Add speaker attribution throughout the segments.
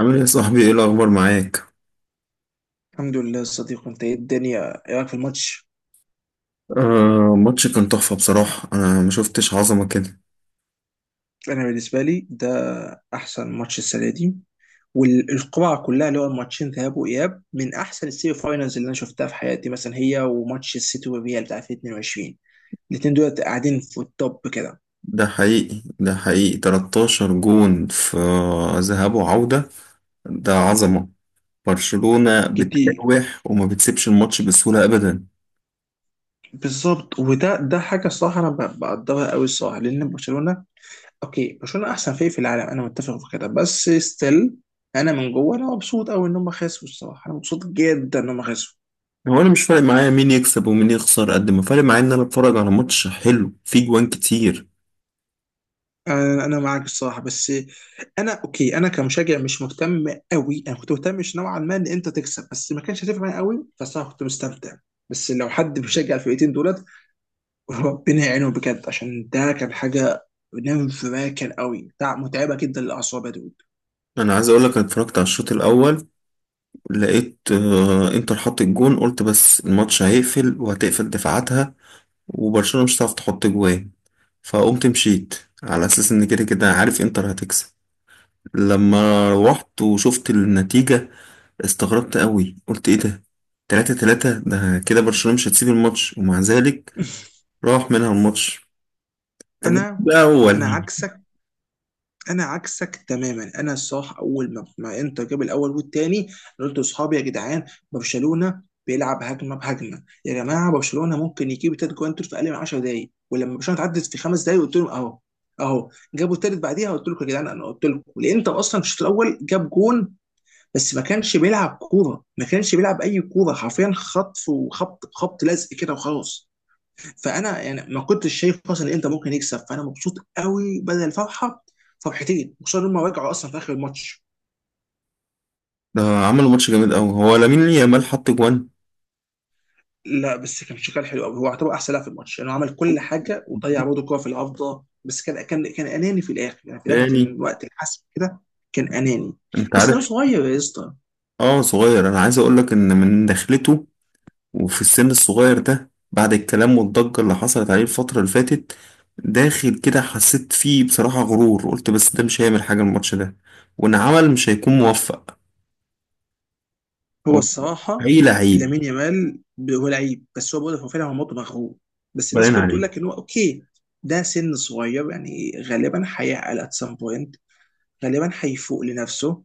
Speaker 1: عامل ايه يا صاحبي؟ ايه الاخبار معاك؟
Speaker 2: الحمد لله يا صديقي، انت ايه الدنيا؟ ايه رايك في الماتش؟
Speaker 1: آه، ماتش كان تحفة بصراحة، انا ما شفتش عظمة كده.
Speaker 2: انا بالنسبه لي ده احسن ماتش السنه دي، والقرعه كلها اللي هو الماتشين ذهاب واياب من احسن السيمي فاينلز اللي انا شفتها في حياتي. مثلا هي وماتش السيتي والريال بتاع 2022، الاثنين دول قاعدين في التوب كده
Speaker 1: ده حقيقي، ده حقيقي، 13 جون في ذهاب وعودة، ده عظمة. برشلونة
Speaker 2: كتير.
Speaker 1: بتراوح وما بتسيبش الماتش بسهولة ابدا.
Speaker 2: بالظبط، وده حاجه الصراحه انا بقدرها قوي الصراحه. لان برشلونه، اوكي برشلونه احسن فريق في العالم، انا متفق في كده، بس ستيل، انا من جوه انا مبسوط قوي ان هم خسروا. الصراحه انا مبسوط جدا ان هم خسروا.
Speaker 1: هو انا مش فارق معايا مين يكسب ومين يخسر قد ما فارق معايا ان انا اتفرج على ماتش حلو فيه جوان كتير.
Speaker 2: انا معاك الصراحه، بس انا اوكي، انا كمشجع مش مهتم قوي. انا كنت مهتم، مش نوعا ما ان انت تكسب، بس ما كانش هتفرق معايا قوي، بس انا كنت مستمتع. بس لو حد بيشجع الفرقتين دولت، ربنا يعينهم بجد، عشان ده كان حاجه نيرف راكن قوي بتاع، متعبه جدا للاعصاب يا دود.
Speaker 1: انا عايز اقول لك، انا اتفرجت على الشوط الاول، لقيت انتر حط الجون، قلت بس الماتش هيقفل وهتقفل دفاعاتها وبرشلونة مش هتعرف تحط جوان، فقمت مشيت على اساس ان كده كده عارف انتر هتكسب. لما روحت وشفت النتيجة استغربت قوي، قلت ايه ده، تلاتة تلاتة، ده كده برشلونة مش هتسيب الماتش، ومع ذلك راح منها الماتش. طب ما
Speaker 2: انا
Speaker 1: ده
Speaker 2: انا
Speaker 1: اول
Speaker 2: عكسك انا عكسك تماما. انا صح، اول ما انتر جاب الاول والتاني، أنا قلت لاصحابي: يا جدعان، برشلونه بيلعب هجمه بهجمه، يا جماعه برشلونه ممكن يجيب تلات جوان دول في اقل من 10 دقائق. ولما برشلونه اتعدت في 5 دقائق قلت لهم: اهو، جابوا التالت. بعديها قلت لكم يا جدعان، انا قلت لكم الانتر اصلا في الشوط الاول جاب جون، بس ما كانش بيلعب كوره، ما كانش بيلعب اي كوره حرفيا، خطف وخبط، خبط لزق كده وخلاص. فانا يعني ما كنتش شايف اصلا ان انت ممكن يكسب، فانا مبسوط قوي، بدل الفرحه فرحتين، خصوصا ان هم رجعوا اصلا في اخر الماتش.
Speaker 1: ده، عملوا ماتش جامد قوي، هو لامين يامال حط جوان
Speaker 2: لا بس كان شغال حلو قوي، هو اعتبر احسن لاعب في الماتش لانه يعني عمل كل حاجه، وضيع برضه كوره في العارضه، بس كان اناني في الاخر، يعني في ناحيه
Speaker 1: تاني.
Speaker 2: الوقت الحسم كده. كان اناني،
Speaker 1: انت
Speaker 2: بس ده
Speaker 1: عارف،
Speaker 2: صغير يا اسطى.
Speaker 1: اه صغير، انا عايز اقول لك ان من دخلته وفي السن الصغير ده بعد الكلام والضجة اللي حصلت عليه الفترة اللي فاتت، داخل كده حسيت فيه بصراحة غرور، قلت بس ده مش هيعمل حاجة الماتش ده، وإن عمل مش هيكون موفق.
Speaker 2: هو
Speaker 1: هو
Speaker 2: الصراحه
Speaker 1: حقيقي لعيب.
Speaker 2: لامين يامال، هو لعيب، بس هو برضه هو فعلا هو موضوع مغرور، بس الناس
Speaker 1: باين
Speaker 2: كلها بتقول
Speaker 1: عليه.
Speaker 2: لك ان هو اوكي. ده سن صغير، يعني غالبا هيعقل at some point، غالبا هيفوق لنفسه،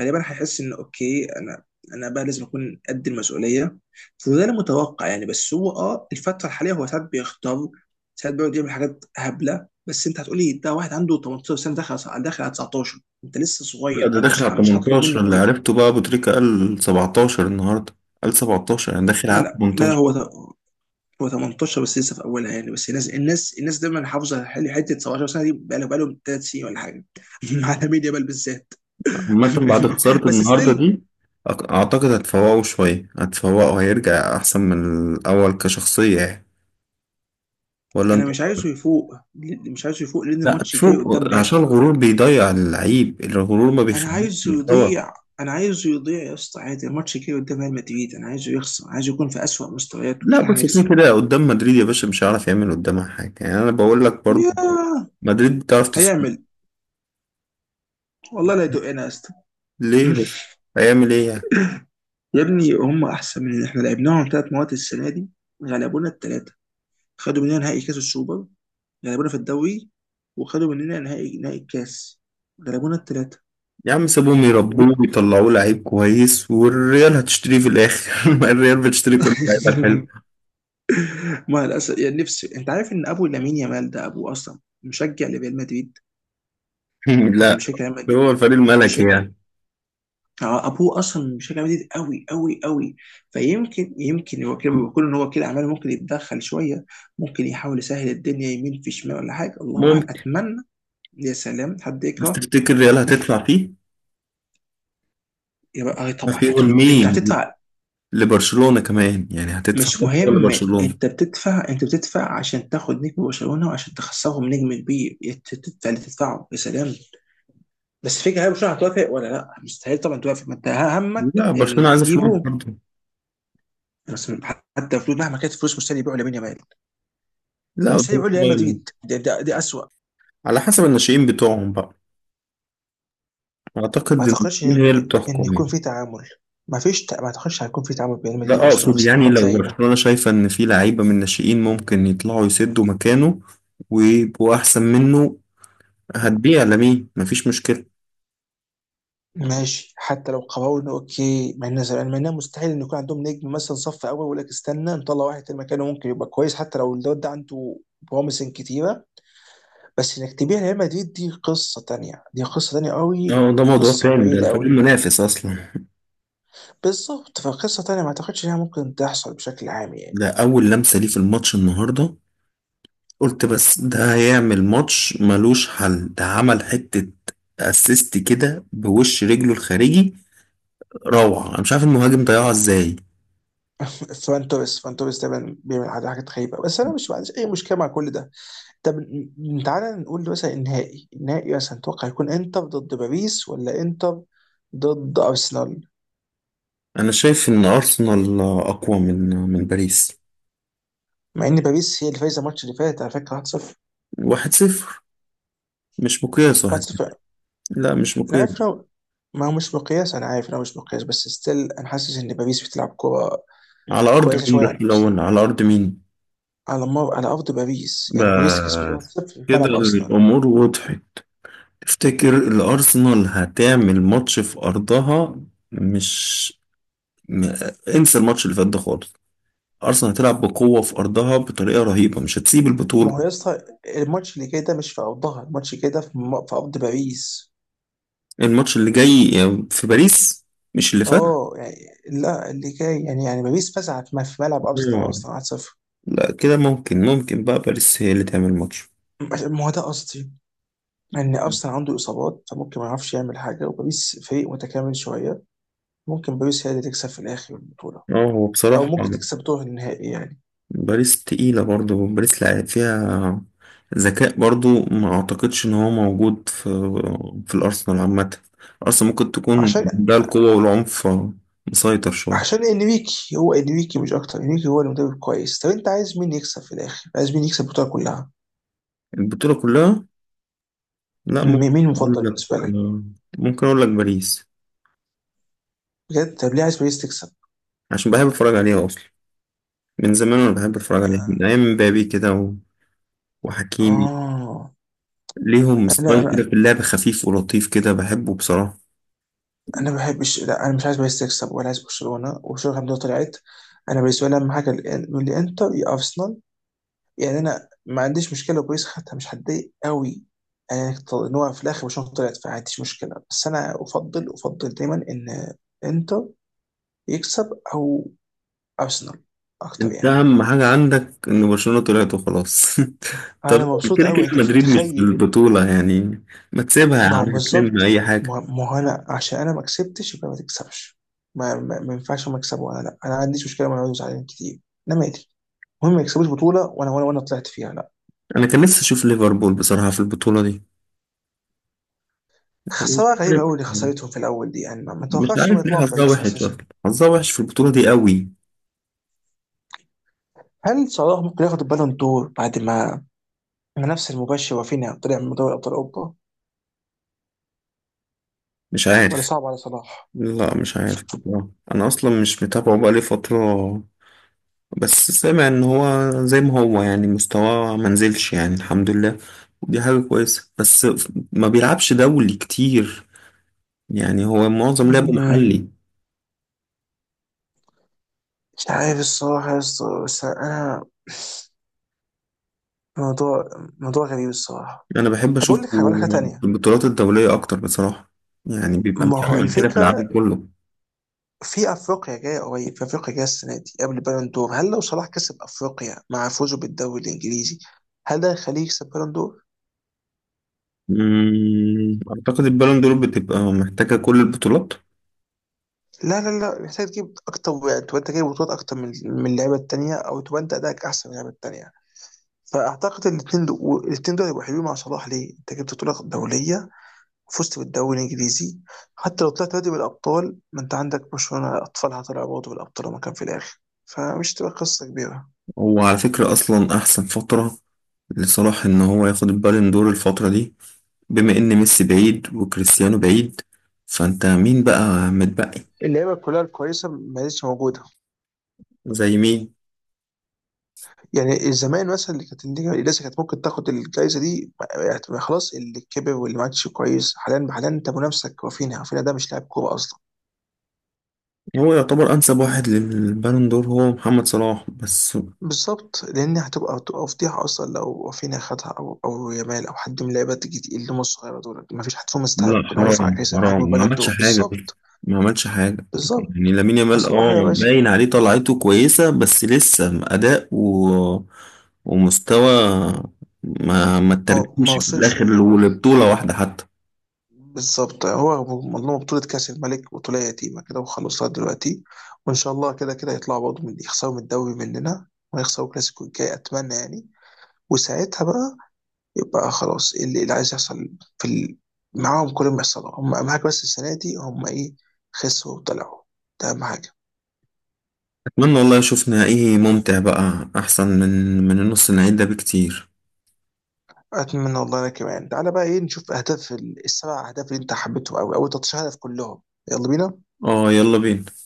Speaker 2: غالبا هيحس ان اوكي، انا بقى لازم اكون قد المسؤوليه. فده المتوقع يعني. بس هو اه الفتره الحاليه، هو ساعات بيختار، ساعات بيقعد يعمل حاجات هبله، بس انت هتقولي ده واحد عنده 18 سنه، داخل على 19، انت لسه
Speaker 1: لا،
Speaker 2: صغير،
Speaker 1: ده
Speaker 2: انا
Speaker 1: داخل على
Speaker 2: مش هطلب
Speaker 1: 18،
Speaker 2: منه
Speaker 1: اللي
Speaker 2: كتير.
Speaker 1: عرفته بقى أبو تريكة قال 17 النهاردة، قال 17 يعني داخل
Speaker 2: لا
Speaker 1: على
Speaker 2: لا لا
Speaker 1: 18.
Speaker 2: هو هو 18، بس لسه في اولها يعني. بس الناس دايما حافظه، حته 17 سنه دي بقى لهم 3 سنين ولا حاجه. على ميديا بال بالذات.
Speaker 1: عامة بعد خسارة
Speaker 2: بس
Speaker 1: النهاردة
Speaker 2: ستيل
Speaker 1: دي، أعتقد هتفوقه شوية، هتفوقه هيرجع أحسن من الأول كشخصية يعني. ولا
Speaker 2: انا
Speaker 1: أنت؟
Speaker 2: مش عايزه يفوق. مش عايزه يفوق لان
Speaker 1: لا،
Speaker 2: الماتش جاي
Speaker 1: تشوف،
Speaker 2: قدام بقى.
Speaker 1: عشان الغرور بيضيع اللعيب، الغرور ما
Speaker 2: انا
Speaker 1: بيخليش
Speaker 2: عايزه
Speaker 1: يتطور.
Speaker 2: يضيع. انا عايزه يضيع يا اسطى، عادي، الماتش جاي قدام ريال مدريد، انا عايزه يخسر، عايزه يكون في اسوأ مستوياته
Speaker 1: لا،
Speaker 2: عشان
Speaker 1: بس كده
Speaker 2: هنكسب.
Speaker 1: كده قدام مدريد يا باشا مش هيعرف يعمل قدامها حاجة، يعني أنا بقول لك برضه،
Speaker 2: يا
Speaker 1: مدريد بتعرف تصدر.
Speaker 2: هيعمل والله لا يدقنا يا اسطى.
Speaker 1: ليه بس؟ هيعمل إيه يعني؟
Speaker 2: يا ابني هم احسن من احنا، لعبناهم ثلاث مواد السنه دي، غلبونا الثلاثه. خدوا مننا نهائي كاس السوبر، غلبونا في الدوري، وخدوا مننا نهائي الكاس، غلبونا الثلاثه.
Speaker 1: يا عم سيبهم يربوه ويطلعوه لعيب كويس والريال هتشتريه في الآخر. ما الريال بتشتري كل اللعيبة الحلوة.
Speaker 2: ما للاسف يعني، نفسي. انت عارف ان ابو لامين يامال ده ابوه اصلا مشجع لريال مدريد، يعني
Speaker 1: لا،
Speaker 2: بشكل ريال مدريد.
Speaker 1: هو الفريق الملكي
Speaker 2: بشكل،
Speaker 1: يعني.
Speaker 2: آه، ابوه اصلا مشجع ريال مدريد قوي قوي قوي. فيمكن هو كده بيقول ان هو كده عمال، ممكن يتدخل شويه، ممكن يحاول يسهل الدنيا يمين في شمال ولا حاجه، الله اعلم،
Speaker 1: ممكن.
Speaker 2: اتمنى. يا سلام، حد
Speaker 1: بس
Speaker 2: يكره.
Speaker 1: تفتكر الريال هتدفع فيه؟
Speaker 2: يبقى اه
Speaker 1: ما
Speaker 2: طبعا
Speaker 1: في
Speaker 2: يا دود، انت
Speaker 1: مين
Speaker 2: هتدفع.
Speaker 1: لبرشلونة كمان يعني، هتدفع
Speaker 2: مش
Speaker 1: مبلغ
Speaker 2: مهم،
Speaker 1: لبرشلونة.
Speaker 2: انت بتدفع، انت بتدفع عشان تاخد نجم برشلونه وعشان تخسرهم نجم كبير، تدفع اللي تدفعه يا سلام. بس فكرة هل برشلونة هتوافق ولا لا، مستحيل طبعا توافق، ما انت همك
Speaker 1: لا برشلونة
Speaker 2: ان
Speaker 1: عايزة فلوس
Speaker 2: تجيبه.
Speaker 1: برضه.
Speaker 2: بس حتى فلوس، مهما كانت الفلوس مستحيل يبيعوا لامين يامال،
Speaker 1: لا
Speaker 2: ومستحيل
Speaker 1: قدام
Speaker 2: يبيعوا ريال
Speaker 1: الشباب،
Speaker 2: مدريد، ده اسوء.
Speaker 1: على حسب الناشئين بتوعهم بقى.
Speaker 2: ما
Speaker 1: اعتقد ان
Speaker 2: اعتقدش
Speaker 1: الناشئين هي
Speaker 2: ان
Speaker 1: اللي بتحكم
Speaker 2: يكون
Speaker 1: يعني.
Speaker 2: في تعامل. ما فيش ما اعتقدش هيكون في تعامل بين ريال مدريد
Speaker 1: لا
Speaker 2: وبرشلونه
Speaker 1: اقصد
Speaker 2: في
Speaker 1: يعني
Speaker 2: صفقات
Speaker 1: لو
Speaker 2: لعيبه.
Speaker 1: برشلونة شايفة ان في لعيبة من الناشئين ممكن يطلعوا يسدوا مكانه ويبقوا احسن منه، هتبيع لمين، مفيش مشكلة.
Speaker 2: ماشي، حتى لو قررنا اوكي، مع ان مع انها مستحيل ان يكون عندهم نجم مثلا صف اول ويقول لك استنى نطلع واحد تاني مكانه ممكن يبقى كويس. حتى لو الواد ده عنده بروميسنج كتيره، بس انك تبيع ريال مدريد دي قصه تانية، دي قصه تانية قوي
Speaker 1: اه، ده موضوع
Speaker 2: وقصه
Speaker 1: تاني، ده
Speaker 2: بعيده
Speaker 1: الفريق
Speaker 2: قوي.
Speaker 1: المنافس اصلا.
Speaker 2: بالظبط، فقصه تانية ما اعتقدش انها ممكن تحصل بشكل عام يعني.
Speaker 1: ده اول لمسة ليه في الماتش النهاردة، قلت بس ده هيعمل ماتش ملوش حل. ده عمل حتة اسيست كده بوش رجله الخارجي، روعة. انا مش عارف المهاجم ضيعها ازاي.
Speaker 2: فران توريس دايما بيعمل حاجات غريبه، بس انا مش، ما عنديش اي مشكله مع كل ده. طب تعالى نقول مثلا النهائي، مثلا تتوقع يكون انتر ضد باريس ولا انتر ضد ارسنال؟
Speaker 1: أنا شايف إن أرسنال أقوى من باريس.
Speaker 2: مع ان باريس هي اللي فايزه الماتش اللي فات، على فكره 1-0.
Speaker 1: واحد صفر مش مقياس، واحد
Speaker 2: 1-0
Speaker 1: صفر. لا مش
Speaker 2: انا
Speaker 1: مقياس.
Speaker 2: عارف إنه، ما هو مش مقياس، انا عارف إنه مش مقياس، بس ستيل انا حاسس ان باريس بتلعب كوره
Speaker 1: على أرض
Speaker 2: كويسه
Speaker 1: مين
Speaker 2: شويه
Speaker 1: بس
Speaker 2: عن ارسنال.
Speaker 1: الأول؟ على أرض مين؟
Speaker 2: على مر، على ارض باريس، يعني باريس كسبت
Speaker 1: بس
Speaker 2: 1-0 في
Speaker 1: كده
Speaker 2: ملعب ارسنال.
Speaker 1: الأمور وضحت. تفتكر الأرسنال هتعمل ماتش في أرضها؟ مش م... انسى الماتش اللي فات ده خالص. أرسنال هتلعب بقوة في أرضها بطريقة رهيبة، مش هتسيب
Speaker 2: ما
Speaker 1: البطولة.
Speaker 2: هو يا اسطى الماتش اللي جاي ده مش في ارضها، الماتش اللي جاي ده في في ارض باريس.
Speaker 1: الماتش اللي جاي في باريس، مش اللي فات.
Speaker 2: اه يعني لا، اللي جاي، يعني يعني باريس فزعت ما في ملعب ارسنال
Speaker 1: آه.
Speaker 2: اصلا 1-0.
Speaker 1: لا كده ممكن بقى باريس هي اللي تعمل ماتش.
Speaker 2: ما هو ده قصدي، ان ارسنال عنده اصابات، فممكن ما يعرفش يعمل حاجه، وباريس فريق متكامل شويه، ممكن باريس هي اللي تكسب في الاخر البطوله،
Speaker 1: اه هو
Speaker 2: او
Speaker 1: بصراحة،
Speaker 2: ممكن تكسب دور النهائي يعني.
Speaker 1: باريس تقيلة برضو، باريس لعب فيها ذكاء برضو ما اعتقدش ان هو موجود في الارسنال عامة. ارسنال ممكن تكون
Speaker 2: عشان
Speaker 1: ده القوة والعنف مسيطر شوية.
Speaker 2: عشان انريكي، هو انريكي مش اكتر، انريكي هو المدرب كويس. طب انت عايز مين يكسب في الاخر، عايز مين يكسب البطوله كلها؟
Speaker 1: البطولة كلها؟ لا،
Speaker 2: م-
Speaker 1: ممكن
Speaker 2: مين
Speaker 1: اقول
Speaker 2: المفضل
Speaker 1: لك
Speaker 2: بالنسبه لك؟
Speaker 1: ممكن اقول لك باريس.
Speaker 2: بجد؟ طب ليه عايز باريس تكسب؟
Speaker 1: عشان بحب اتفرج عليها اصلا، من زمان انا بحب اتفرج عليها من ايام مبابي كده وحكيمي.
Speaker 2: اه
Speaker 1: ليهم
Speaker 2: انا
Speaker 1: ستايل كده
Speaker 2: انا
Speaker 1: في اللعب خفيف ولطيف كده بحبه بصراحة.
Speaker 2: انا ما بحبش، لا انا مش عايز باريس تكسب ولا عايز برشلونه، وبرشلونه الحمد لله طلعت. انا بالنسبه لي اهم حاجه من الانتر يا ارسنال. يعني انا ما عنديش مشكله لو باريس خدتها، مش هتضايق قوي. يعني ان هو في الاخر برشلونه طلعت، فما عنديش مشكله، بس انا افضل دايما ان انتر يكسب او ارسنال اكتر
Speaker 1: انت
Speaker 2: يعني.
Speaker 1: اهم حاجه عندك ان برشلونه طلعت وخلاص. طب
Speaker 2: انا مبسوط
Speaker 1: كده كده
Speaker 2: قوي، انت مش
Speaker 1: مدريد مش في
Speaker 2: متخيل.
Speaker 1: البطوله يعني، ما تسيبها يا
Speaker 2: ما هو
Speaker 1: عم تلم
Speaker 2: بالظبط،
Speaker 1: اي حاجه.
Speaker 2: ما هو انا عشان انا ما كسبتش يبقى ما تكسبش. ما ينفعش ما اكسب وانا، لا انا ما عنديش مشكله وانا اقعد زعلان كتير. انا مالي، المهم ما يكسبوش بطوله وانا، طلعت فيها لا.
Speaker 1: انا كان نفسي اشوف ليفربول بصراحه في البطوله دي. أنا مش
Speaker 2: خساره غريبه
Speaker 1: عارف
Speaker 2: قوي اللي
Speaker 1: يعني،
Speaker 2: خسارتهم في الاول دي يعني، ما
Speaker 1: مش
Speaker 2: توقعتش انهم
Speaker 1: عارف ليه
Speaker 2: يطلعوا من
Speaker 1: حظها
Speaker 2: باريس
Speaker 1: وحش
Speaker 2: اساسا.
Speaker 1: اصلا، حظها وحش في البطوله دي قوي.
Speaker 2: هل صلاح ممكن ياخد البالون دور بعد ما المنافس المباشر رافينيا طلع من دوري ابطال اوروبا،
Speaker 1: مش
Speaker 2: ولا
Speaker 1: عارف.
Speaker 2: صعب على صلاح؟
Speaker 1: لا مش عارف بصراحة. انا اصلا مش متابعه بقالي فتره، بس سامع ان هو زي ما هو يعني مستواه ما نزلش يعني الحمد لله، ودي حاجه كويسه، بس ما بيلعبش دولي كتير يعني، هو معظم لعبه
Speaker 2: مم.
Speaker 1: محلي.
Speaker 2: مش عارف الصراحه يا اسطى، بس انا موضوع موضوع غريب الصراحه.
Speaker 1: انا بحب
Speaker 2: طب اقول
Speaker 1: اشوفه
Speaker 2: لك، هقول لك حاجه
Speaker 1: في
Speaker 2: تانيه.
Speaker 1: البطولات الدوليه اكتر بصراحه، يعني بيبقى
Speaker 2: ما هو
Speaker 1: مكمل كده في العالم
Speaker 2: الفكره،
Speaker 1: كله.
Speaker 2: في افريقيا جايه السنه دي قبل البالون دور، هل لو صلاح كسب افريقيا مع فوزه بالدوري الانجليزي، هل ده يخليه يكسب بالون دور؟
Speaker 1: اعتقد البالون دور بتبقى محتاجه كل البطولات.
Speaker 2: لا محتاج تجيب اكتر واحد، تبقى انت جايب بطولات اكتر من اللعيبه التانيه، او تبقى انت ادائك احسن من اللعيبه التانيه. فاعتقد الاثنين دول هيبقوا حلوين مع صلاح. ليه؟ انت جبت بطوله دوليه وفزت بالدوري الانجليزي، حتى لو طلعت نادي بالابطال، ما انت عندك برشلونه اطفالها طلعوا برضه بالابطال وما كان في الاخر، فمش تبقى قصه كبيره.
Speaker 1: وعلى فكره اصلا احسن فتره لصلاح ان هو ياخد البالون دور الفتره دي، بما ان ميسي بعيد وكريستيانو بعيد، فانت مين بقى متبقي؟
Speaker 2: اللعيبه كلها الكويسه ما لسه موجوده.
Speaker 1: زي مين؟
Speaker 2: يعني زمان مثلا اللي كانت، اللي لسه كانت ممكن تاخد الجائزه دي، خلاص اللي كبر واللي ما عادش كويس. حاليا حاليا انت منافسك رافينيا، رافينيا ده مش لاعب كوره اصلا.
Speaker 1: هو يعتبر انسب واحد للبالون دور هو محمد صلاح بس.
Speaker 2: بالظبط، لان هتبقى فضيحه اصلا لو رافينيا خدها، او او يامال او حد من اللعيبه تيجي تقيل اللي هم الصغيره دول. ما فيش حد فيهم
Speaker 1: لا،
Speaker 2: يستحق انه يرفع
Speaker 1: حرام
Speaker 2: جائزه بحجم
Speaker 1: حرام، ما
Speaker 2: البالون
Speaker 1: عملش
Speaker 2: دور.
Speaker 1: حاجة،
Speaker 2: بالظبط.
Speaker 1: ما عملش حاجة. يعني
Speaker 2: بالظبط
Speaker 1: لامين يامال
Speaker 2: فصلاح يا
Speaker 1: اه
Speaker 2: باشا،
Speaker 1: باين عليه طلعته كويسة، بس لسه أداء ومستوى ما
Speaker 2: ما
Speaker 1: ترجمش في
Speaker 2: وصلش
Speaker 1: الآخر
Speaker 2: الليفل.
Speaker 1: لبطولة واحدة حتى.
Speaker 2: بالظبط. هو مضمون بطولة كأس الملك، بطولة يتيمة كده وخلاص لغاية دلوقتي. وإن شاء الله كده كده يطلعوا برضه من، يخسروا من الدوري مننا، ويخسروا الكلاسيكو الجاي أتمنى يعني. وساعتها بقى يبقى خلاص، اللي عايز يحصل في معاهم، كل ما يحصل هم أهم حاجة. بس السنة دي هم إيه؟ خسروا وطلعوا. ده أهم حاجة.
Speaker 1: أتمنى والله أشوف نهائي ممتع بقى أحسن من النص النهائي ده بكتير.
Speaker 2: أتمنى والله. أنا كمان تعالى بقى إيه، نشوف أهداف السبع أهداف اللي أنت حبيتهم أوي، أو 13 هدف كلهم. يلا بينا.
Speaker 1: اه، يلا بينا.